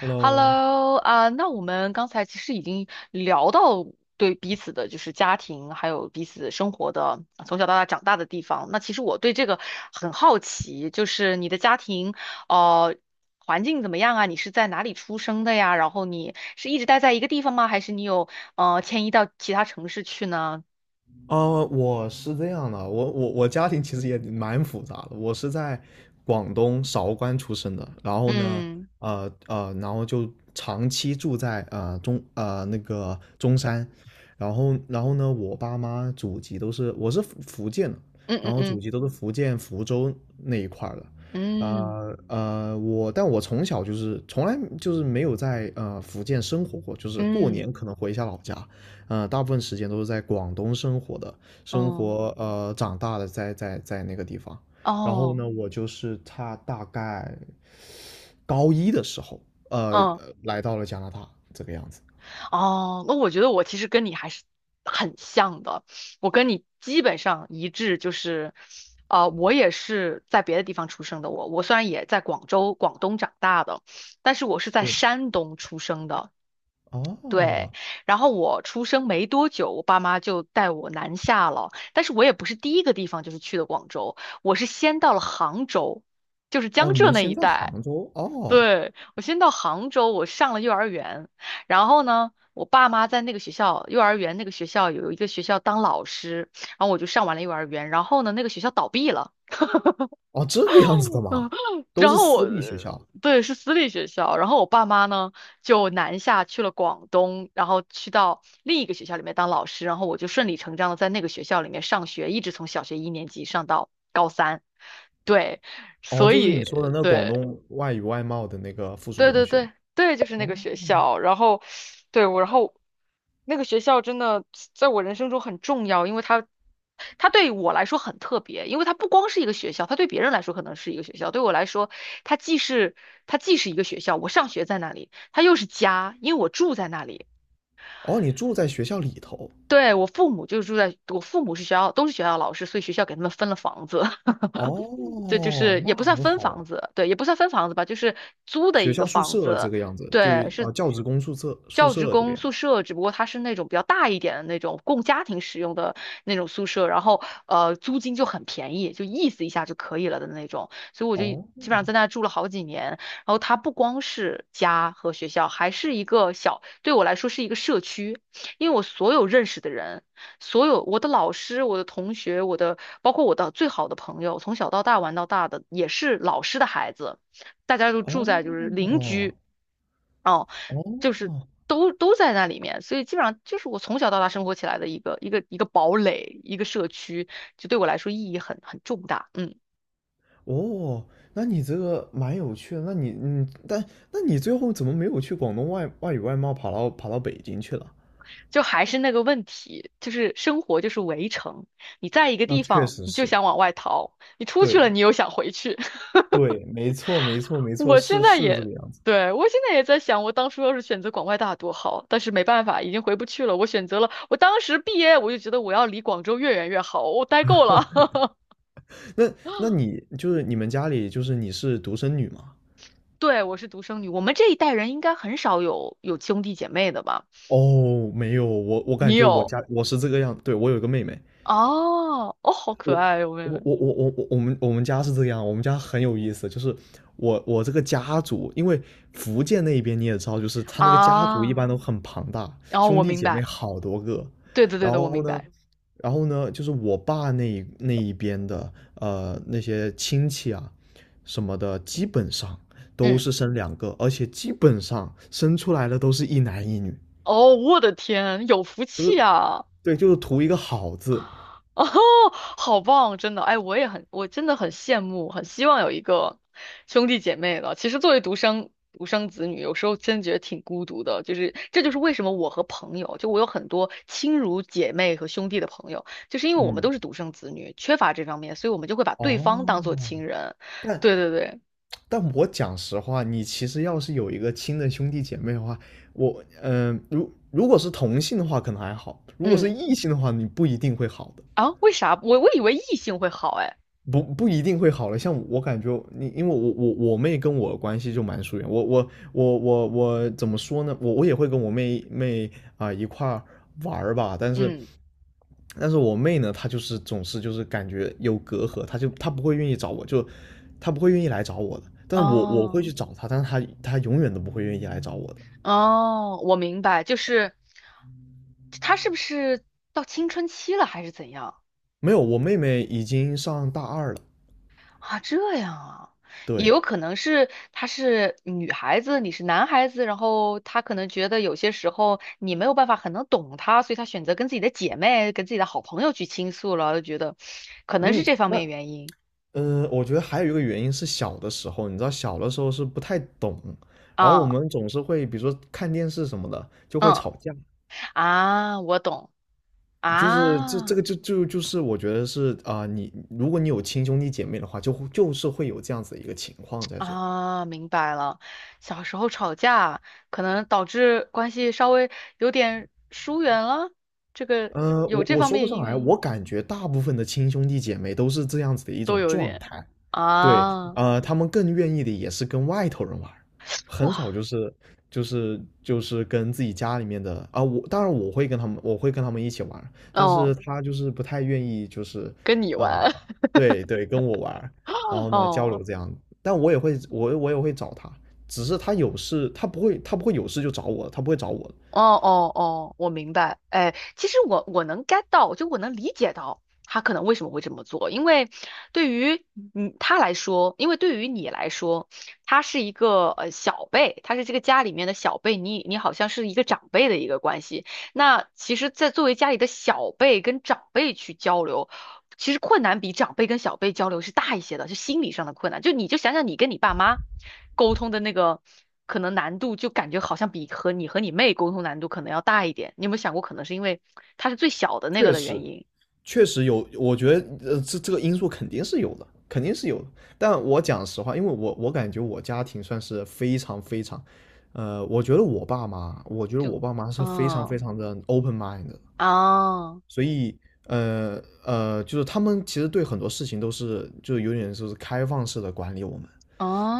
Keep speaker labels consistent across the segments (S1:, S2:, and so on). S1: Hello。
S2: Hello,啊那我们刚才其实已经聊到对彼此的，就是家庭，还有彼此生活的，从小到大长大的地方。那其实我对这个很好奇，就是你的家庭，呃，环境怎么样啊？你是在哪里出生的呀？然后你是一直待在一个地方吗？还是你有迁移到其他城市去呢？
S1: 我是这样的，我家庭其实也蛮复杂的，我是在广东韶关出生的，然后呢，
S2: 嗯
S1: 然后就长期住在呃中呃那个中山，然后呢，我爸妈祖籍都是我是福建的，
S2: 嗯
S1: 然
S2: 嗯
S1: 后祖
S2: 嗯
S1: 籍都是福建福州那一块儿的。
S2: 嗯
S1: 我但我从小就是从来就是没有在福建生活过，就是
S2: 嗯
S1: 过年可
S2: 嗯
S1: 能回一下老家。大部分时间都是在广东生活的，
S2: 哦
S1: 长大的在那个地方。然后
S2: 哦
S1: 呢，我就是他大概高一的时候，
S2: 嗯。
S1: 来到了加拿大这个样子。
S2: 哦，那我觉得我其实跟你还是很像的，我跟你基本上一致，就是，啊，我也是在别的地方出生的我虽然也在广州、广东长大的，但是我是在
S1: 对。
S2: 山东出生的，对。
S1: 哦。
S2: 然后我出生没多久，我爸妈就带我南下了，但是我也不是第一个地方就是去的广州，我是先到了杭州，就是
S1: 哦，
S2: 江
S1: 你
S2: 浙
S1: 们
S2: 那
S1: 先
S2: 一
S1: 在
S2: 带。
S1: 杭州。哦，
S2: 对，我先到杭州，我上了幼儿园，然后呢，我爸妈在那个学校，幼儿园那个学校有一个学校当老师，然后我就上完了幼儿园，然后呢，那个学校倒闭了，
S1: 哦，这个样子的
S2: 嗯，
S1: 吗？都
S2: 然
S1: 是
S2: 后我，
S1: 私立学校。
S2: 对，是私立学校，然后我爸妈呢就南下去了广东，然后去到另一个学校里面当老师，然后我就顺理成章的在那个学校里面上学，一直从小学一年级上到高三，对，
S1: 哦，
S2: 所
S1: 就是
S2: 以
S1: 你说的那广
S2: 对。
S1: 东外语外贸的那个附属
S2: 对
S1: 中
S2: 对
S1: 学。
S2: 对对，就是那
S1: 哦。
S2: 个学校。然后，对我，然后那个学校真的在我人生中很重要，因为它对我来说很特别，因为它不光是一个学校，它对别人来说可能是一个学校，对我来说，它既是它既是一个学校，我上学在那里，它又是家，因为我住在那里。
S1: 哦，你住在学校里头。
S2: 对，我父母是学校，都是学校老师，所以学校给他们分了房子。对，就
S1: 哦，
S2: 是
S1: 那
S2: 也不算
S1: 很
S2: 分
S1: 好
S2: 房
S1: 啊。
S2: 子，对，也不算分房子吧，就是租的
S1: 学
S2: 一个
S1: 校宿
S2: 房
S1: 舍这
S2: 子，
S1: 个样子，就
S2: 对，是
S1: 教职工宿舍宿
S2: 教职
S1: 舍这个
S2: 工
S1: 样子。
S2: 宿舍，只不过它是那种比较大一点的那种供家庭使用的那种宿舍，然后呃租金就很便宜，就意思一下就可以了的那种，所以我就基本
S1: 哦。
S2: 上在那住了好几年。然后它不光是家和学校，还是一个小，对我来说是一个社区，因为我所有认识的人。所有我的老师、我的同学、包括我的最好的朋友，从小到大玩到大的也是老师的孩子，大家都住在就是邻
S1: 哦。
S2: 居，哦，就是
S1: 哦。
S2: 都在那里面，所以基本上就是我从小到大生活起来的一个堡垒，一个社区，就对我来说意义很重大。嗯，
S1: 哦，那你这个蛮有趣的。那你嗯，但那你最后怎么没有去广东外外语外贸跑到北京去了？
S2: 就还是那个问题，就是生活就是围城，你在一个
S1: 那
S2: 地
S1: 确
S2: 方
S1: 实
S2: 你就
S1: 是。
S2: 想往外逃，你出去了
S1: 对
S2: 你又想回去。
S1: 对，没错，
S2: 我现
S1: 是
S2: 在
S1: 是这
S2: 也，
S1: 个样子。
S2: 对，我现在也在想，我当初要是选择广外大多好，但是没办法，已经回不去了。我选择了，我当时毕业我就觉得我要离广州越远越好，我待够了。
S1: 那那你就是你们家里就是你是独生女吗？
S2: 对，我是独生女，我们这一代人应该很少有兄弟姐妹的吧？
S1: 哦，没有，我我感
S2: 你
S1: 觉我
S2: 有？
S1: 家我是这个样，对，我有一个妹妹。
S2: 哦，哦，好可爱哟，妹妹
S1: 我们我们家是这样，我们家很有意思，就是我这个家族，因为福建那边你也知道，就是他那个家族一
S2: 啊！
S1: 般都很庞大，
S2: 哦，我
S1: 兄弟
S2: 明
S1: 姐妹
S2: 白，
S1: 好多个。
S2: 对的，对
S1: 然
S2: 的，我
S1: 后
S2: 明白。
S1: 然后呢，就是我爸那一边的那些亲戚啊什么的，基本上都
S2: 嗯，
S1: 是生两个，而且基本上生出来的都是一男一女。
S2: 哦，我的天，有福
S1: 就
S2: 气
S1: 是
S2: 啊！
S1: 对，就是图一个好字。
S2: 哦，好棒，真的，哎，我也很，我真的很羡慕，很希望有一个兄弟姐妹的。其实作为独生子女，有时候真觉得挺孤独的，就是这就是为什么我和朋友，就我有很多亲如姐妹和兄弟的朋友，就是因为我们
S1: 嗯。
S2: 都是独生子女，缺乏这方面，所以我们就会把对方当做
S1: 哦。
S2: 亲人。
S1: 但
S2: 对对对，
S1: 但我讲实话，你其实要是有一个亲的兄弟姐妹的话，我嗯、呃如如果是同性的话可能还好，如果是
S2: 嗯，
S1: 异性的话，你不一定会好的。
S2: 啊，为啥？我以为异性会好，哎，
S1: 不一定会好的。像我感觉你，因为我我妹跟我关系就蛮疏远。我怎么说呢？我我也会跟我妹妹一块儿玩儿吧，但是
S2: 嗯，
S1: 但是我妹呢，她就是总是就是感觉有隔阂，她就她不会愿意找我，就她不会愿意来找我的。但是我我会
S2: 哦。
S1: 去找她，但是她永远都不会愿意来找我的。
S2: 哦，我明白，就是他是不是到青春期了，还是怎样
S1: 没有，我妹妹已经上大二了。
S2: 啊？这样啊，也
S1: 对。
S2: 有可能是他是女孩子，你是男孩子，然后他可能觉得有些时候你没有办法很能懂他，所以他选择跟自己的姐妹、跟自己的好朋友去倾诉了，就觉得可能是
S1: 嗯，
S2: 这方
S1: 那
S2: 面原因
S1: 我觉得还有一个原因是小的时候，你知道小的时候是不太懂，然后我
S2: 啊，
S1: 们总是会比如说看电视什么的就会
S2: 嗯
S1: 吵架。
S2: 啊，我懂
S1: 就是这这
S2: 啊。
S1: 个就就就是我觉得是你如果你有亲兄弟姐妹的话，就会就是会有这样子的一个情况在这。
S2: 啊，明白了。小时候吵架可能导致关系稍微有点疏远了，这个有
S1: 我
S2: 这
S1: 我
S2: 方
S1: 说
S2: 面
S1: 不
S2: 的
S1: 上来，
S2: 原
S1: 我
S2: 因
S1: 感觉大部分的亲兄弟姐妹都是这样子的一
S2: 都
S1: 种
S2: 有
S1: 状
S2: 点
S1: 态。对。
S2: 啊，
S1: 他们更愿意的也是跟外头人玩儿，
S2: 哇，
S1: 很少就是就是跟自己家里面的啊，我当然我会跟他们，我会跟他们一起玩儿，但
S2: 哦，
S1: 是他就是不太愿意就是
S2: 跟你
S1: 啊、
S2: 玩
S1: 对对，跟我玩儿，然 后呢交
S2: 哦。
S1: 流这样。但我也会我也会找他，只是他有事他不会有事就找我，他不会找我。
S2: 哦哦哦，我明白。哎，其实我能 get 到，就我能理解到他可能为什么会这么做，因为对于他来说，因为对于你来说，他是一个小辈，他是这个家里面的小辈，你你好像是一个长辈的一个关系。那其实，在作为家里的小辈跟长辈去交流，其实困难比长辈跟小辈交流是大一些的，就心理上的困难。就你就想想你跟你爸妈沟通的那个可能难度，就感觉好像比和你和你妹沟通难度可能要大一点。你有没有想过，可能是因为她是最小的那个
S1: 确
S2: 的原
S1: 实
S2: 因？
S1: 确实有，我觉得这个因素肯定是有的，肯定是有的。但我讲实话，因为我感觉我家庭算是非常，呃，我觉得我爸妈，我觉得
S2: 就
S1: 我爸妈是非常非
S2: 嗯
S1: 常的 open mind 的。
S2: 啊
S1: 一就是他们其实对很多事情都是就有点就是开放式的管理我们，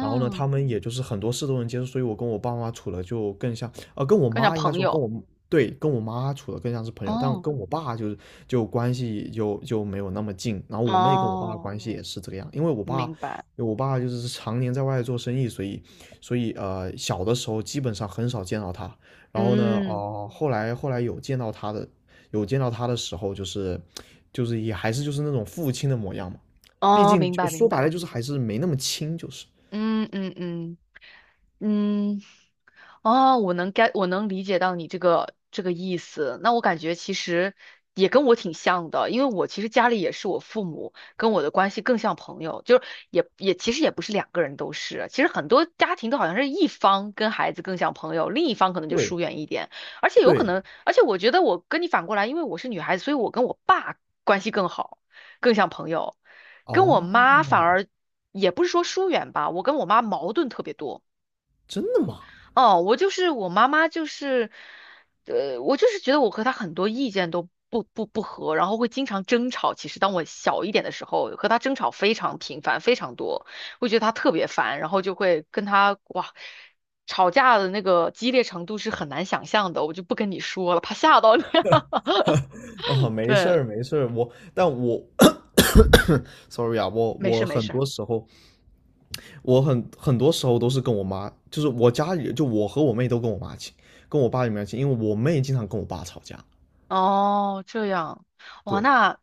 S1: 然后呢，他们也就是很多事都能接受，所以我跟我爸妈处的就更像，跟我
S2: 跟你讲
S1: 妈应该
S2: 朋
S1: 说跟
S2: 友，
S1: 我，对，跟我妈处的更像是朋友，但
S2: 哦
S1: 跟我爸就是就关系就没有那么近。然后我妹跟我爸的
S2: 哦，
S1: 关系也是这个样，因为
S2: 明白，
S1: 我爸就是常年在外做生意，所以所以小的时候基本上很少见到他。然后呢，
S2: 嗯
S1: 后来有见到他的，有见到他的时候，就是就是也还是就是那种父亲的模样嘛，毕
S2: 哦，
S1: 竟
S2: 明
S1: 就
S2: 白明
S1: 说白了
S2: 白，
S1: 就是还是没那么亲，就是。
S2: 嗯嗯嗯。嗯，哦，我能该我能理解到你这个这个意思。那我感觉其实也跟我挺像的，因为我其实家里也是我父母跟我的关系更像朋友，就是也也其实也不是两个人都是，其实很多家庭都好像是一方跟孩子更像朋友，另一方可能就
S1: 对。
S2: 疏远一点，而且有可
S1: 对。
S2: 能，而且我觉得我跟你反过来，因为我是女孩子，所以我跟我爸关系更好，更像朋友，跟我
S1: 哦，
S2: 妈反而也不是说疏远吧，我跟我妈矛盾特别多。
S1: 真的吗？
S2: 哦，我就是我妈妈，就是，我就是觉得我和她很多意见都不合，然后会经常争吵。其实当我小一点的时候，和她争吵非常频繁，非常多，会觉得她特别烦，然后就会跟她哇，吵架的那个激烈程度是很难想象的，我就不跟你说了，怕吓到你。
S1: 哦，没事
S2: 对，
S1: 儿，没事儿，我，但我 ，sorry 啊，我
S2: 没事
S1: 我
S2: 没
S1: 很
S2: 事。
S1: 多时候，我很多时候都是跟我妈，就是我家里，就我和我妹都跟我妈亲，跟我爸也没有亲，因为我妹经常跟我爸吵架。
S2: 哦，这样，哇，
S1: 对
S2: 那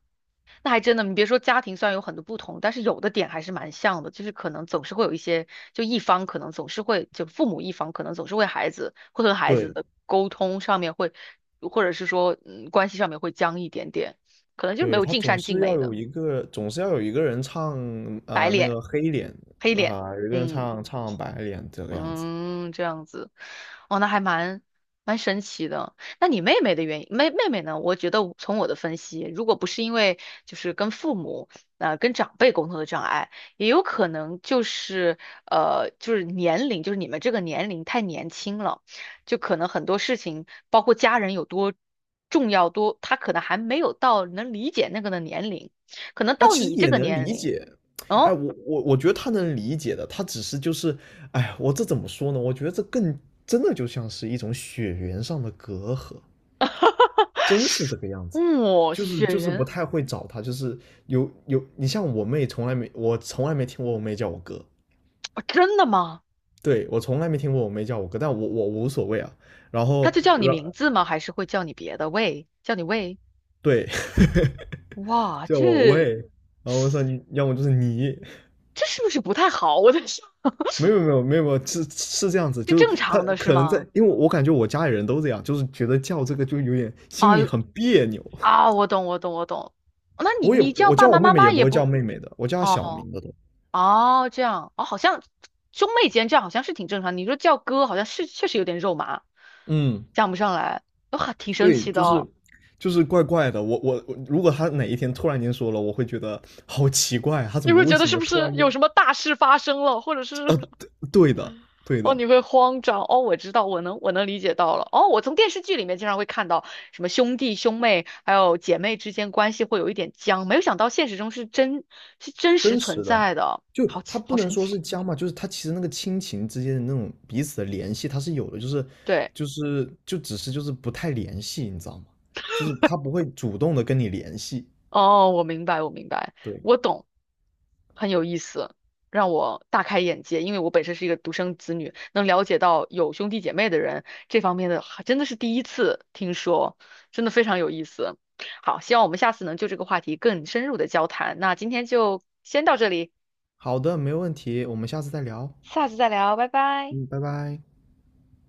S2: 那还真的，你别说家庭虽然有很多不同，但是有的点还是蛮像的，就是可能总是会有一些，就一方可能总是会，就父母一方可能总是为孩子会和孩子
S1: 对
S2: 的沟通上面会，或者是说嗯关系上面会僵一点点，可能就是没
S1: 对，
S2: 有
S1: 她
S2: 尽
S1: 总
S2: 善尽
S1: 是要
S2: 美的
S1: 有一个，总是要有一个人唱那个黑脸，
S2: 黑脸，
S1: 有一个人
S2: 嗯。
S1: 唱白脸这个样子。
S2: 嗯，这样子，哦，那还蛮蛮神奇的。那你妹妹的原因，妹妹呢？我觉得从我的分析，如果不是因为就是跟父母跟长辈沟通的障碍，也有可能就是就是年龄，就是你们这个年龄太年轻了，就可能很多事情，包括家人有多重要多，他可能还没有到能理解那个的年龄，可能
S1: 他
S2: 到
S1: 其实
S2: 你这
S1: 也
S2: 个
S1: 能
S2: 年
S1: 理
S2: 龄，
S1: 解。哎，
S2: 哦，
S1: 我我觉得他能理解的，他只是就是。哎，我这怎么说呢？我觉得这更真的就像是一种血缘上的隔阂，真是这个样子。
S2: 哇、
S1: 就是
S2: 雪
S1: 就是不
S2: 缘，
S1: 太会找他，就是有有，你像我妹从来没，我从来没听过我妹叫我哥。
S2: 哦真的吗？
S1: 对，我从来没听过我妹叫我哥，但我我无所谓啊。然
S2: 他
S1: 后
S2: 就叫你
S1: 然
S2: 名字吗？还是会叫你别的？喂，叫你喂？
S1: 对。
S2: 哇，
S1: 叫我
S2: 这
S1: 喂，然后我说你要么就是你，
S2: 这是不是不太好？我在想，
S1: 没有没有，是是这样子，
S2: 这
S1: 就是
S2: 正
S1: 他
S2: 常的是
S1: 可能在，
S2: 吗？
S1: 因为我感觉我家里人都这样，就是觉得叫这个就有点心
S2: 啊
S1: 里很别扭。
S2: 啊，我懂，我懂，我懂。哦那你你叫
S1: 我
S2: 爸
S1: 叫我
S2: 爸
S1: 妹
S2: 妈
S1: 妹也
S2: 妈
S1: 不
S2: 也
S1: 会叫
S2: 不
S1: 妹妹的，我叫她小
S2: 哦
S1: 名的都。
S2: 哦这样哦，好像兄妹间这样好像是挺正常。你说叫哥，好像是确实有点肉麻，
S1: 嗯。
S2: 讲不上来，哇，挺神
S1: 对，
S2: 奇的
S1: 就是
S2: 哦。
S1: 就是怪怪的。我我，如果她哪一天突然间说了，我会觉得好奇怪，她怎
S2: 你
S1: 么
S2: 会
S1: 为
S2: 觉得
S1: 什
S2: 是
S1: 么
S2: 不
S1: 突
S2: 是
S1: 然间？
S2: 有什么大事发生了，或者是
S1: 呃，对对的对
S2: 哦，
S1: 的。
S2: 你会慌张哦，我知道，我能我能理解到了。哦，我从电视剧里面经常会看到什么兄弟兄妹还有姐妹之间关系会有一点僵，没有想到现实中是真实
S1: 真
S2: 存
S1: 实的，
S2: 在的，
S1: 就
S2: 好
S1: 他
S2: 奇
S1: 不
S2: 好
S1: 能
S2: 神
S1: 说是
S2: 奇。
S1: 僵嘛，就是他其实那个亲情之间的那种彼此的联系，他是有的，就是
S2: 对。
S1: 就是就只是就是不太联系，你知道吗？就是他不会主动的跟你联系。
S2: 哦，我明白，我明白，
S1: 对。
S2: 我懂，很有意思，让我大开眼界。因为我本身是一个独生子女，能了解到有兄弟姐妹的人这方面的，还真的是第一次听说，真的非常有意思。好，希望我们下次能就这个话题更深入的交谈。那今天就先到这里，
S1: 好的，没问题，我们下次再聊。
S2: 下次再聊，拜拜。
S1: 嗯，拜拜。